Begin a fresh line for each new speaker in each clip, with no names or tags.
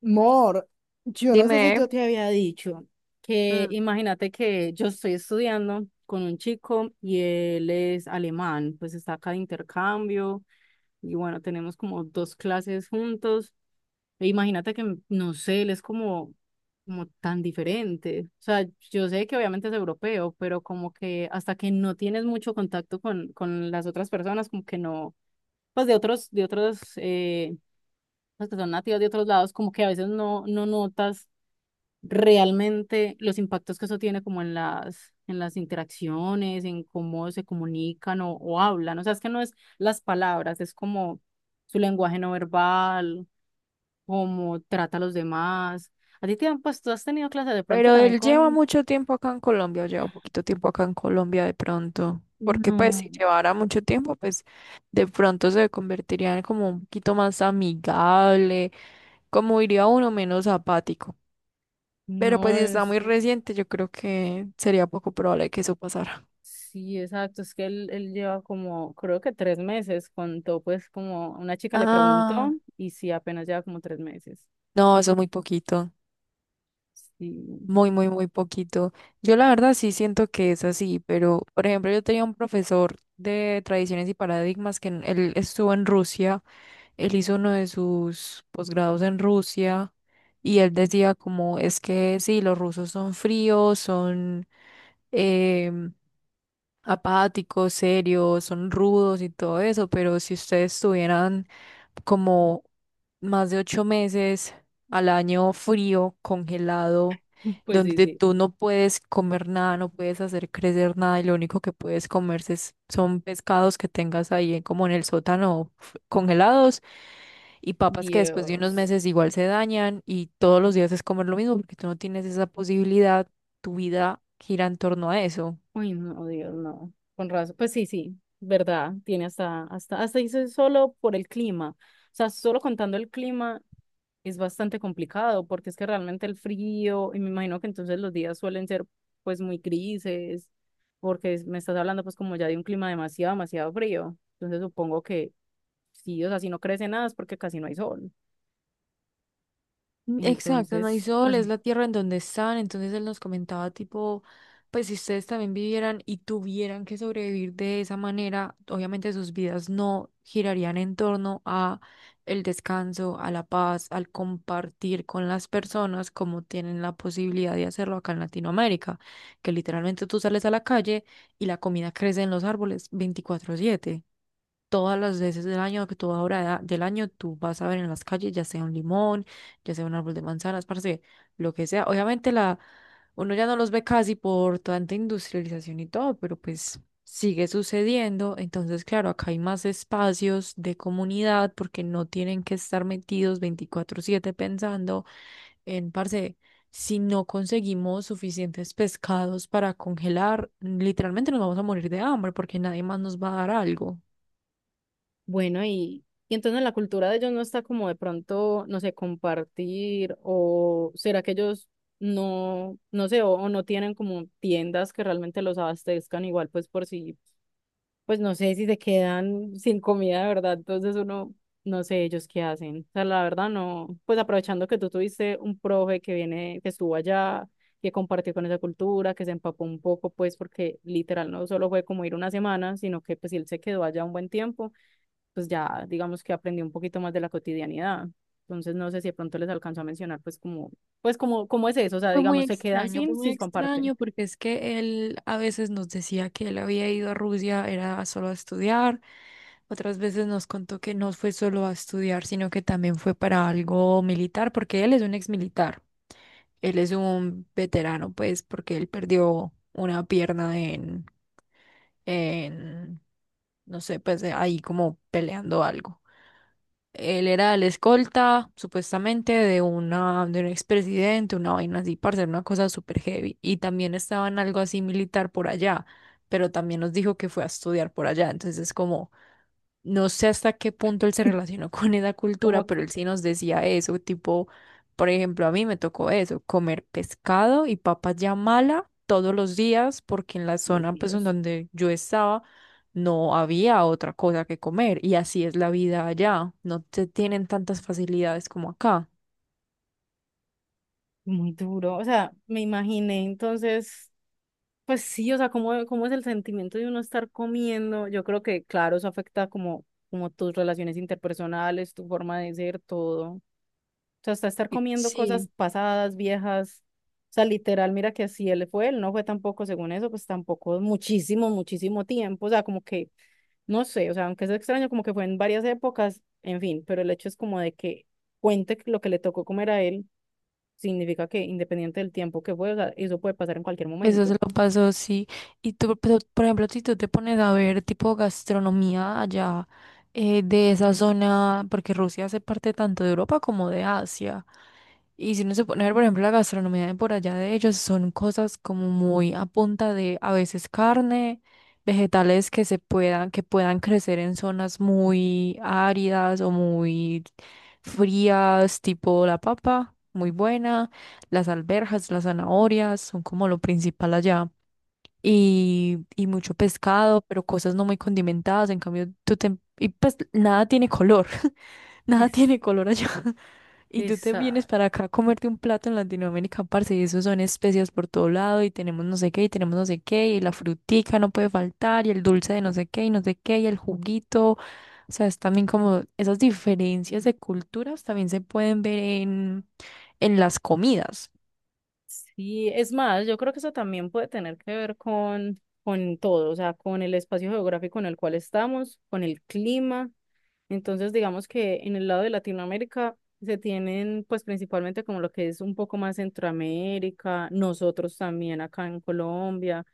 Mor, yo no sé si
Dime.
yo te había dicho que
mm,
imagínate que yo estoy estudiando con un chico y él es alemán, pues está acá de intercambio y bueno, tenemos como dos clases juntos. E imagínate que, no sé, él es como tan diferente. O sea, yo sé que obviamente es europeo, pero como que hasta que no tienes mucho contacto con las otras personas, como que no, pues de otros los que son nativos de otros lados, como que a veces no notas realmente los impactos que eso tiene como en las interacciones, en cómo se comunican o hablan. O sea, es que no es las palabras, es como su lenguaje no verbal, cómo trata a los demás. A ti te han, pues tú has tenido clases de pronto
pero
también
él lleva
con...
mucho tiempo acá en Colombia, o lleva poquito tiempo acá en Colombia de pronto, porque pues si
No,
llevara mucho tiempo, pues de pronto se convertiría en como un poquito más amigable, como diría uno menos apático. Pero pues
no,
si está
es
muy
que...
reciente, yo creo que sería poco probable que eso pasara.
Sí, exacto. Es que él lleva como, creo que 3 meses. Contó, pues, como una chica le preguntó,
Ah,
y sí, apenas lleva como 3 meses.
no, eso es muy poquito.
Sí,
Muy, muy, muy poquito. Yo la verdad sí siento que es así, pero por ejemplo yo tenía un profesor de tradiciones y paradigmas que él estuvo en Rusia, él hizo uno de sus posgrados en Rusia y él decía como es que sí, los rusos son fríos, son em, apáticos, serios, son rudos y todo eso, pero si ustedes tuvieran como más de 8 meses al año frío, congelado,
pues sí,
donde
sí.
tú no puedes comer nada, no puedes hacer crecer nada y lo único que puedes comerse son pescados que tengas ahí como en el sótano congelados y papas que después de unos
Dios.
meses igual se dañan y todos los días es comer lo mismo porque tú no tienes esa posibilidad, tu vida gira en torno a eso.
Uy, no, Dios, no. Con razón. Pues sí, sí, verdad. Tiene hasta dice solo por el clima. O sea, solo contando el clima es bastante complicado porque es que realmente el frío, y me imagino que entonces los días suelen ser pues muy grises, porque me estás hablando pues como ya de un clima demasiado, demasiado frío. Entonces supongo que sí, o sea, si no crece nada es porque casi no hay sol.
Mm, exacto, no hay
Entonces,
sol,
pues
es la tierra en donde están. Entonces él nos comentaba tipo, pues si ustedes también vivieran y tuvieran que sobrevivir de esa manera, obviamente sus vidas no girarían en torno a el descanso, a la paz, al compartir con las personas como tienen la posibilidad de hacerlo acá en Latinoamérica, que literalmente tú sales a la calle y la comida crece en los árboles 24/7 todas las veces del año, que toda hora del año, tú vas a ver en las calles, ya sea un limón, ya sea un árbol de manzanas, parce, lo que sea. Obviamente uno ya no los ve casi por tanta industrialización y todo, pero pues sigue sucediendo. Entonces, claro, acá hay más espacios de comunidad porque no tienen que estar metidos 24/7 pensando parce, si no conseguimos suficientes pescados para congelar, literalmente nos vamos a morir de hambre porque nadie más nos va a dar algo.
bueno, y entonces la cultura de ellos no está como de pronto, no sé, compartir o será que ellos no, no sé, o no tienen como tiendas que realmente los abastezcan igual, pues por si, pues no sé si se quedan sin comida de verdad, entonces uno, no sé ellos qué hacen. O sea, la verdad no, pues aprovechando que tú tuviste un profe que viene, que estuvo allá, que compartió con esa cultura, que se empapó un poco, pues porque literal no solo fue como ir una semana, sino que pues sí, él se quedó allá un buen tiempo pues ya digamos que aprendí un poquito más de la cotidianidad. Entonces no sé si de pronto les alcanzo a mencionar pues como, cómo es eso, o sea, digamos, se quedan
Fue
sin
muy
si comparten.
extraño porque es que él a veces nos decía que él había ido a Rusia, era solo a estudiar, otras veces nos contó que no fue solo a estudiar, sino que también fue para algo militar, porque él es un ex militar, él es un veterano, pues, porque él perdió una pierna en, no sé, pues ahí como peleando algo. Él era el escolta, supuestamente, de un expresidente, una vaina así, para hacer una cosa súper heavy. Y también estaba en algo así militar por allá, pero también nos dijo que fue a estudiar por allá. Entonces, es como, no sé hasta qué punto él se relacionó con esa cultura,
Como
pero él
que,
sí nos decía eso, tipo, por ejemplo, a mí me tocó eso, comer pescado y papas ya mala todos los días, porque en la
ay,
zona pues en
Dios,
donde yo estaba no había otra cosa que comer y así es la vida allá, no te tienen tantas facilidades como acá.
muy duro. O sea, me imaginé entonces, pues sí, o sea, cómo es el sentimiento de uno estar comiendo. Yo creo que, claro, eso afecta como, como tus relaciones interpersonales, tu forma de ser, todo. O sea, hasta estar
Y-
comiendo
sí.
cosas pasadas, viejas. O sea, literal, mira que si él fue, él no fue tampoco, según eso, pues tampoco muchísimo, muchísimo tiempo. O sea, como que, no sé, o sea, aunque es extraño, como que fue en varias épocas, en fin, pero el hecho es como de que cuente lo que le tocó comer a él, significa que independiente del tiempo que fue, o sea, eso puede pasar en cualquier
Eso se
momento.
lo pasó, sí. Y tú, pero, por ejemplo, si tú te pones a ver tipo gastronomía allá, de esa zona, porque Rusia hace parte tanto de Europa como de Asia. Y si uno se pone a ver, por ejemplo, la gastronomía de por allá de ellos, son cosas como muy a punta de a veces carne, vegetales que se puedan, que puedan crecer en zonas muy áridas o muy frías, tipo la papa, muy buena, las alberjas, las zanahorias son como lo principal allá. Y mucho pescado, pero cosas no muy condimentadas. En cambio, tú te... Y pues nada tiene color. Nada tiene
Es,
color allá. Y tú te vienes
esa-
para acá a comerte un plato en Latinoamérica, parce, y eso son especias por todo lado, y tenemos no sé qué, y tenemos no sé qué, y la frutica no puede faltar, y el dulce de no sé qué, y no sé qué, y el juguito. O sea, es también como esas diferencias de culturas también se pueden ver en las comidas.
Sí, es más, yo creo que eso también puede tener que ver con todo, o sea, con el espacio geográfico en el cual estamos, con el clima, entonces, digamos que en el lado de Latinoamérica se tienen pues principalmente como lo que es un poco más Centroamérica, nosotros también acá en Colombia,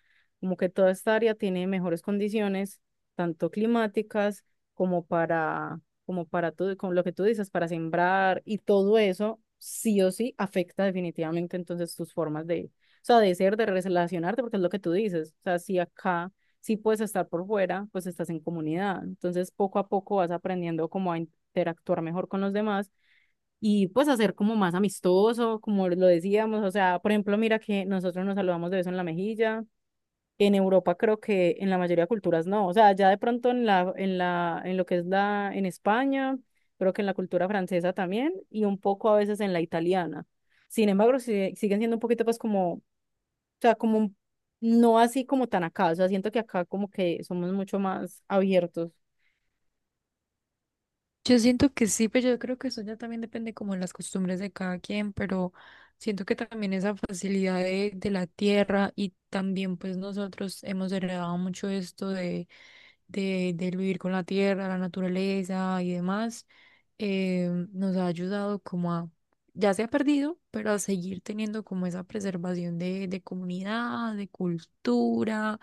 como que toda esta área tiene mejores condiciones, tanto climáticas como para, como para como lo que tú dices, para sembrar y todo eso sí o sí afecta definitivamente entonces tus formas de, o sea, de ser, de relacionarte, porque es lo que tú dices, o sea, si acá si puedes estar por fuera, pues estás en comunidad. Entonces, poco a poco vas aprendiendo como a interactuar mejor con los demás y pues hacer como más amistoso, como lo decíamos. O sea, por ejemplo, mira que nosotros nos saludamos de beso en la mejilla. En Europa creo que en la mayoría de culturas no. O sea, ya de pronto en la, en la, en lo que es la, en España, creo que en la cultura francesa también y un poco a veces en la italiana. Sin embargo, siguen siendo un poquito pues como sea, como no así como tan acá, o sea, siento que acá como que somos mucho más abiertos.
Yo siento que sí, pero yo creo que eso ya también depende como de las costumbres de cada quien, pero siento que también esa facilidad de la tierra y también pues nosotros hemos heredado mucho esto del vivir con la tierra, la naturaleza y demás, nos ha ayudado como a, ya se ha perdido, pero a seguir teniendo como esa preservación de comunidad, de cultura,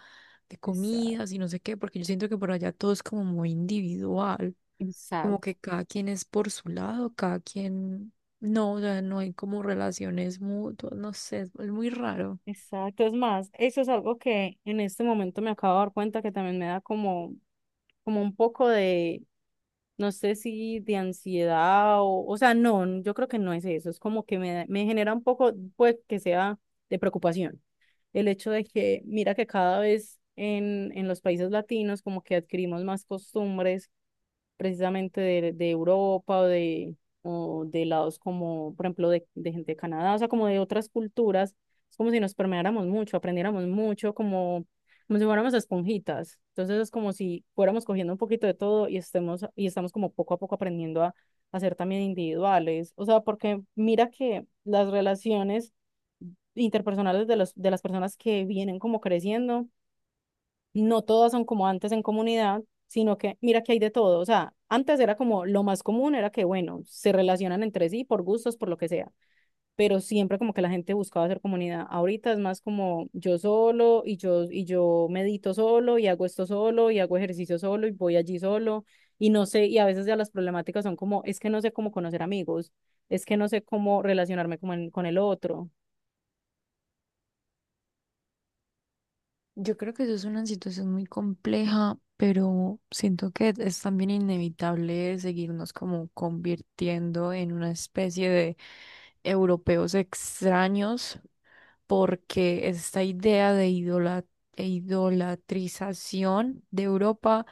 de comidas
Exacto.
y no sé qué, porque yo siento que por allá todo es como muy individual, como
Exacto.
que cada quien es por su lado, cada quien, no, o sea, no hay como relaciones mutuas, no sé, es muy raro.
Exacto, es más, eso es algo que en este momento me acabo de dar cuenta que también me da como, como un poco de, no sé si de ansiedad o sea, no, yo creo que no es eso, es como que me, me genera un poco, pues, que sea de preocupación. El hecho de que, mira que cada vez en los países latinos como que adquirimos más costumbres precisamente de Europa o de lados como, por ejemplo, de gente de Canadá, o sea, como de otras culturas. Es como si nos permeáramos mucho, aprendiéramos mucho, como, como si fuéramos esponjitas. Entonces es como si fuéramos cogiendo un poquito de todo y estemos, y estamos como poco a poco aprendiendo a ser también individuales. O sea, porque mira que las relaciones interpersonales de los, de las personas que vienen como creciendo no todas son como antes en comunidad, sino que mira que hay de todo. O sea, antes era como lo más común era que, bueno, se relacionan entre sí por gustos, por lo que sea, pero siempre como que la gente buscaba hacer comunidad. Ahorita es más como yo solo y yo medito solo y hago esto solo y hago ejercicio solo y voy allí solo y no sé, y a veces ya las problemáticas son como, es que no sé cómo conocer amigos, es que no sé cómo relacionarme con el otro.
Yo creo que eso es una situación muy compleja, pero siento que es también inevitable seguirnos como convirtiendo en una especie de europeos extraños, porque esta idea de e idolatrización de Europa,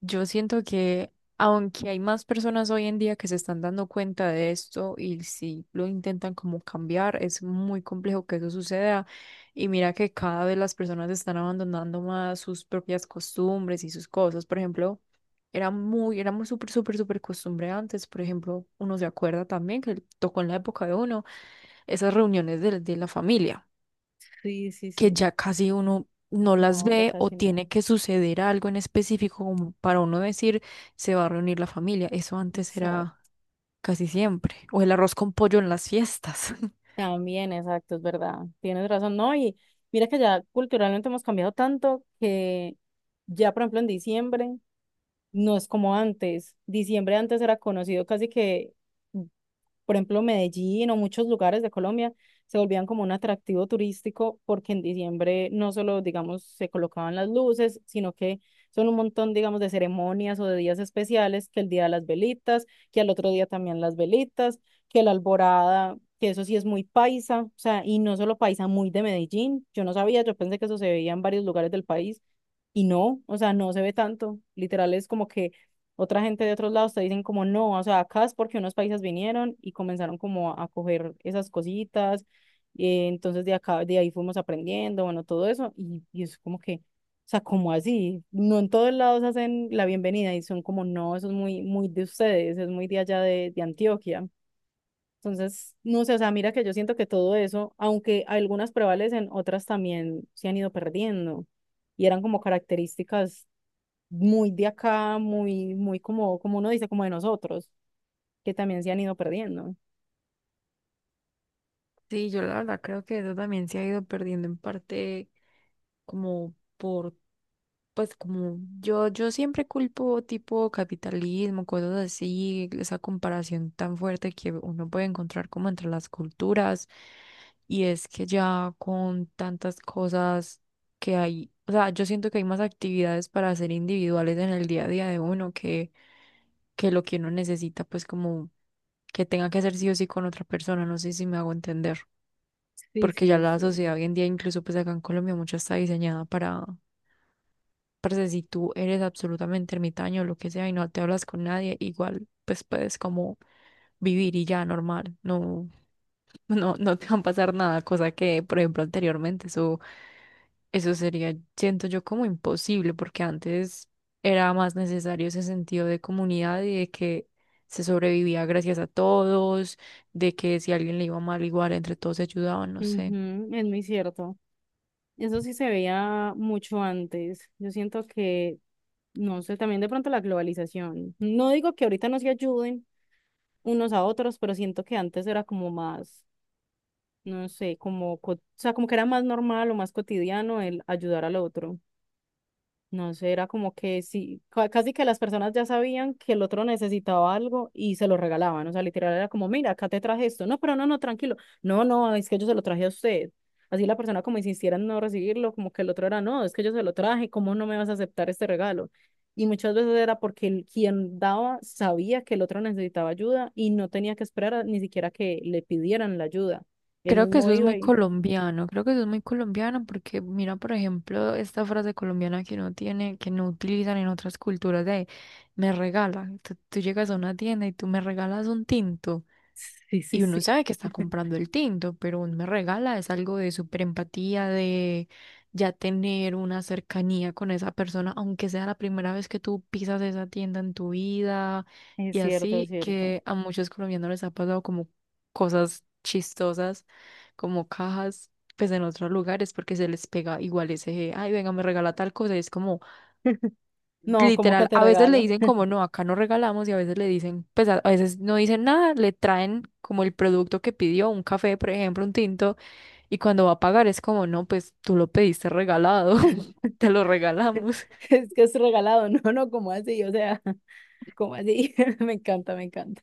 yo siento que aunque hay más personas hoy en día que se están dando cuenta de esto y si lo intentan como cambiar, es muy complejo que eso suceda y mira que cada vez las personas están abandonando más sus propias costumbres y sus cosas. Por ejemplo, era muy súper, súper, súper costumbre antes. Por ejemplo, uno se acuerda también que tocó en la época de uno esas reuniones de la familia,
Sí, sí,
que
sí.
ya casi uno no las
No, ya
ve o
casi no.
tiene que suceder algo en específico como para uno decir se va a reunir la familia. Eso antes
Exacto.
era casi siempre. O el arroz con pollo en las fiestas.
También, exacto, es verdad. Tienes razón, ¿no? Y mira que ya culturalmente hemos cambiado tanto que ya, por ejemplo, en diciembre no es como antes. Diciembre antes era conocido casi que por ejemplo, Medellín o muchos lugares de Colombia se volvían como un atractivo turístico porque en diciembre no solo, digamos, se colocaban las luces, sino que son un montón, digamos, de ceremonias o de días especiales, que el día de las velitas, que al otro día también las velitas, que la alborada, que eso sí es muy paisa, o sea, y no solo paisa, muy de Medellín. Yo no sabía, yo pensé que eso se veía en varios lugares del país. Y no, o sea, no se ve tanto. Literal es como que otra gente de otros lados te dicen como no, o sea, acá es porque unos países vinieron y comenzaron como a coger esas cositas, entonces de acá, de ahí fuimos aprendiendo, bueno, todo eso, y es como que, o sea, como así, no en todos lados hacen la bienvenida y son como no, eso es muy, muy de ustedes, es muy de allá de Antioquia. Entonces, no sé, o sea, mira que yo siento que todo eso, aunque algunas prevalecen, otras también se han ido perdiendo y eran como características muy de acá, muy, muy como, como uno dice, como de nosotros, que también se han ido perdiendo.
Sí, yo la verdad creo que eso también se ha ido perdiendo en parte como pues como yo siempre culpo tipo capitalismo, cosas así, esa comparación tan fuerte que uno puede encontrar como entre las culturas. Y es que ya con tantas cosas que hay, o sea, yo siento que hay más actividades para hacer individuales en el día a día de uno que lo que uno necesita, pues como que tenga que hacer sí o sí con otra persona, no sé si me hago entender.
Sí,
Porque
sí,
ya
es
la
cierto.
sociedad hoy en día, incluso pues acá en Colombia, mucho está diseñada para, parce, si tú eres absolutamente ermitaño o lo que sea y no te hablas con nadie, igual pues puedes como vivir y ya normal, no, no, no te va a pasar nada, cosa que, por ejemplo, anteriormente eso sería, siento yo, como imposible, porque antes era más necesario ese sentido de comunidad y de que se sobrevivía gracias a todos, de que si a alguien le iba mal, igual entre todos se ayudaban, no sé.
Ujú, es muy cierto. Eso sí se veía mucho antes. Yo siento que, no sé, también de pronto la globalización. No digo que ahorita no se ayuden unos a otros, pero siento que antes era como más, no sé, como, o sea, como que era más normal o más cotidiano el ayudar al otro. No sé, era como que sí, casi que las personas ya sabían que el otro necesitaba algo y se lo regalaban. O sea, literal era como, mira, acá te traje esto. No, pero no, no, tranquilo. No, no, es que yo se lo traje a usted. Así la persona como insistiera en no recibirlo, como que el otro era, no, es que yo se lo traje, ¿cómo no me vas a aceptar este regalo? Y muchas veces era porque el, quien daba sabía que el otro necesitaba ayuda y no tenía que esperar ni siquiera que le pidieran la ayuda. Él
Creo que
mismo
eso es muy
iba y...
colombiano, creo que eso es muy colombiano porque mira, por ejemplo, esta frase colombiana que uno tiene, que no utilizan en otras culturas de me regala. Tú llegas a una tienda y tú me regalas un tinto.
Sí, sí,
Y uno
sí.
sabe que está comprando el tinto, pero un me regala es algo de súper empatía, de ya tener una cercanía con esa persona, aunque sea la primera vez que tú pisas esa tienda en tu vida.
Es
Y
cierto, es
así
cierto.
que a muchos colombianos les ha pasado como cosas chistosas, como cajas, pues en otros lugares, porque se les pega igual ese, ay, venga, me regala tal cosa. Y es como...
No, ¿cómo que
Literal,
te
a veces le
regalo?
dicen como no, acá no regalamos y a veces le dicen, pues a veces no dicen nada, le traen como el producto que pidió, un café, por ejemplo, un tinto, y cuando va a pagar es como no, pues tú lo pediste regalado, te lo regalamos.
Es que es regalado, no, no, ¿cómo así? O sea, ¿cómo así? Me encanta, me encanta.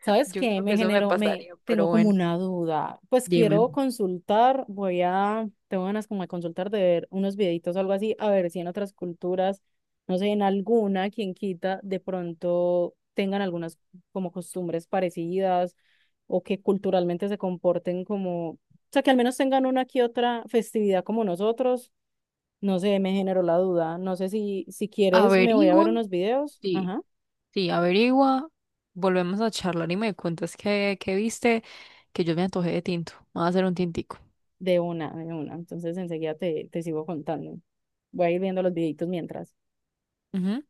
¿Sabes
Yo
qué?
creo que
Me
eso me
generó, me
pasaría, pero
tengo como
bueno,
una duda. Pues
dime.
quiero consultar, voy a, tengo ganas como de consultar, de ver unos videitos o algo así, a ver si en otras culturas, no sé, en alguna, quien quita, de pronto tengan algunas como costumbres parecidas o que culturalmente se comporten como, o sea, que al menos tengan una que otra festividad como nosotros. No sé, me generó la duda. No sé si, si quieres, me voy a ver
Averigua,
unos videos.
sí,
Ajá.
sí, averigua, volvemos a charlar y me cuentas qué viste, que yo me antojé de tinto, me voy a hacer un tintico.
De una, de una. Entonces enseguida te, te sigo contando. Voy a ir viendo los videitos mientras.
Ujú.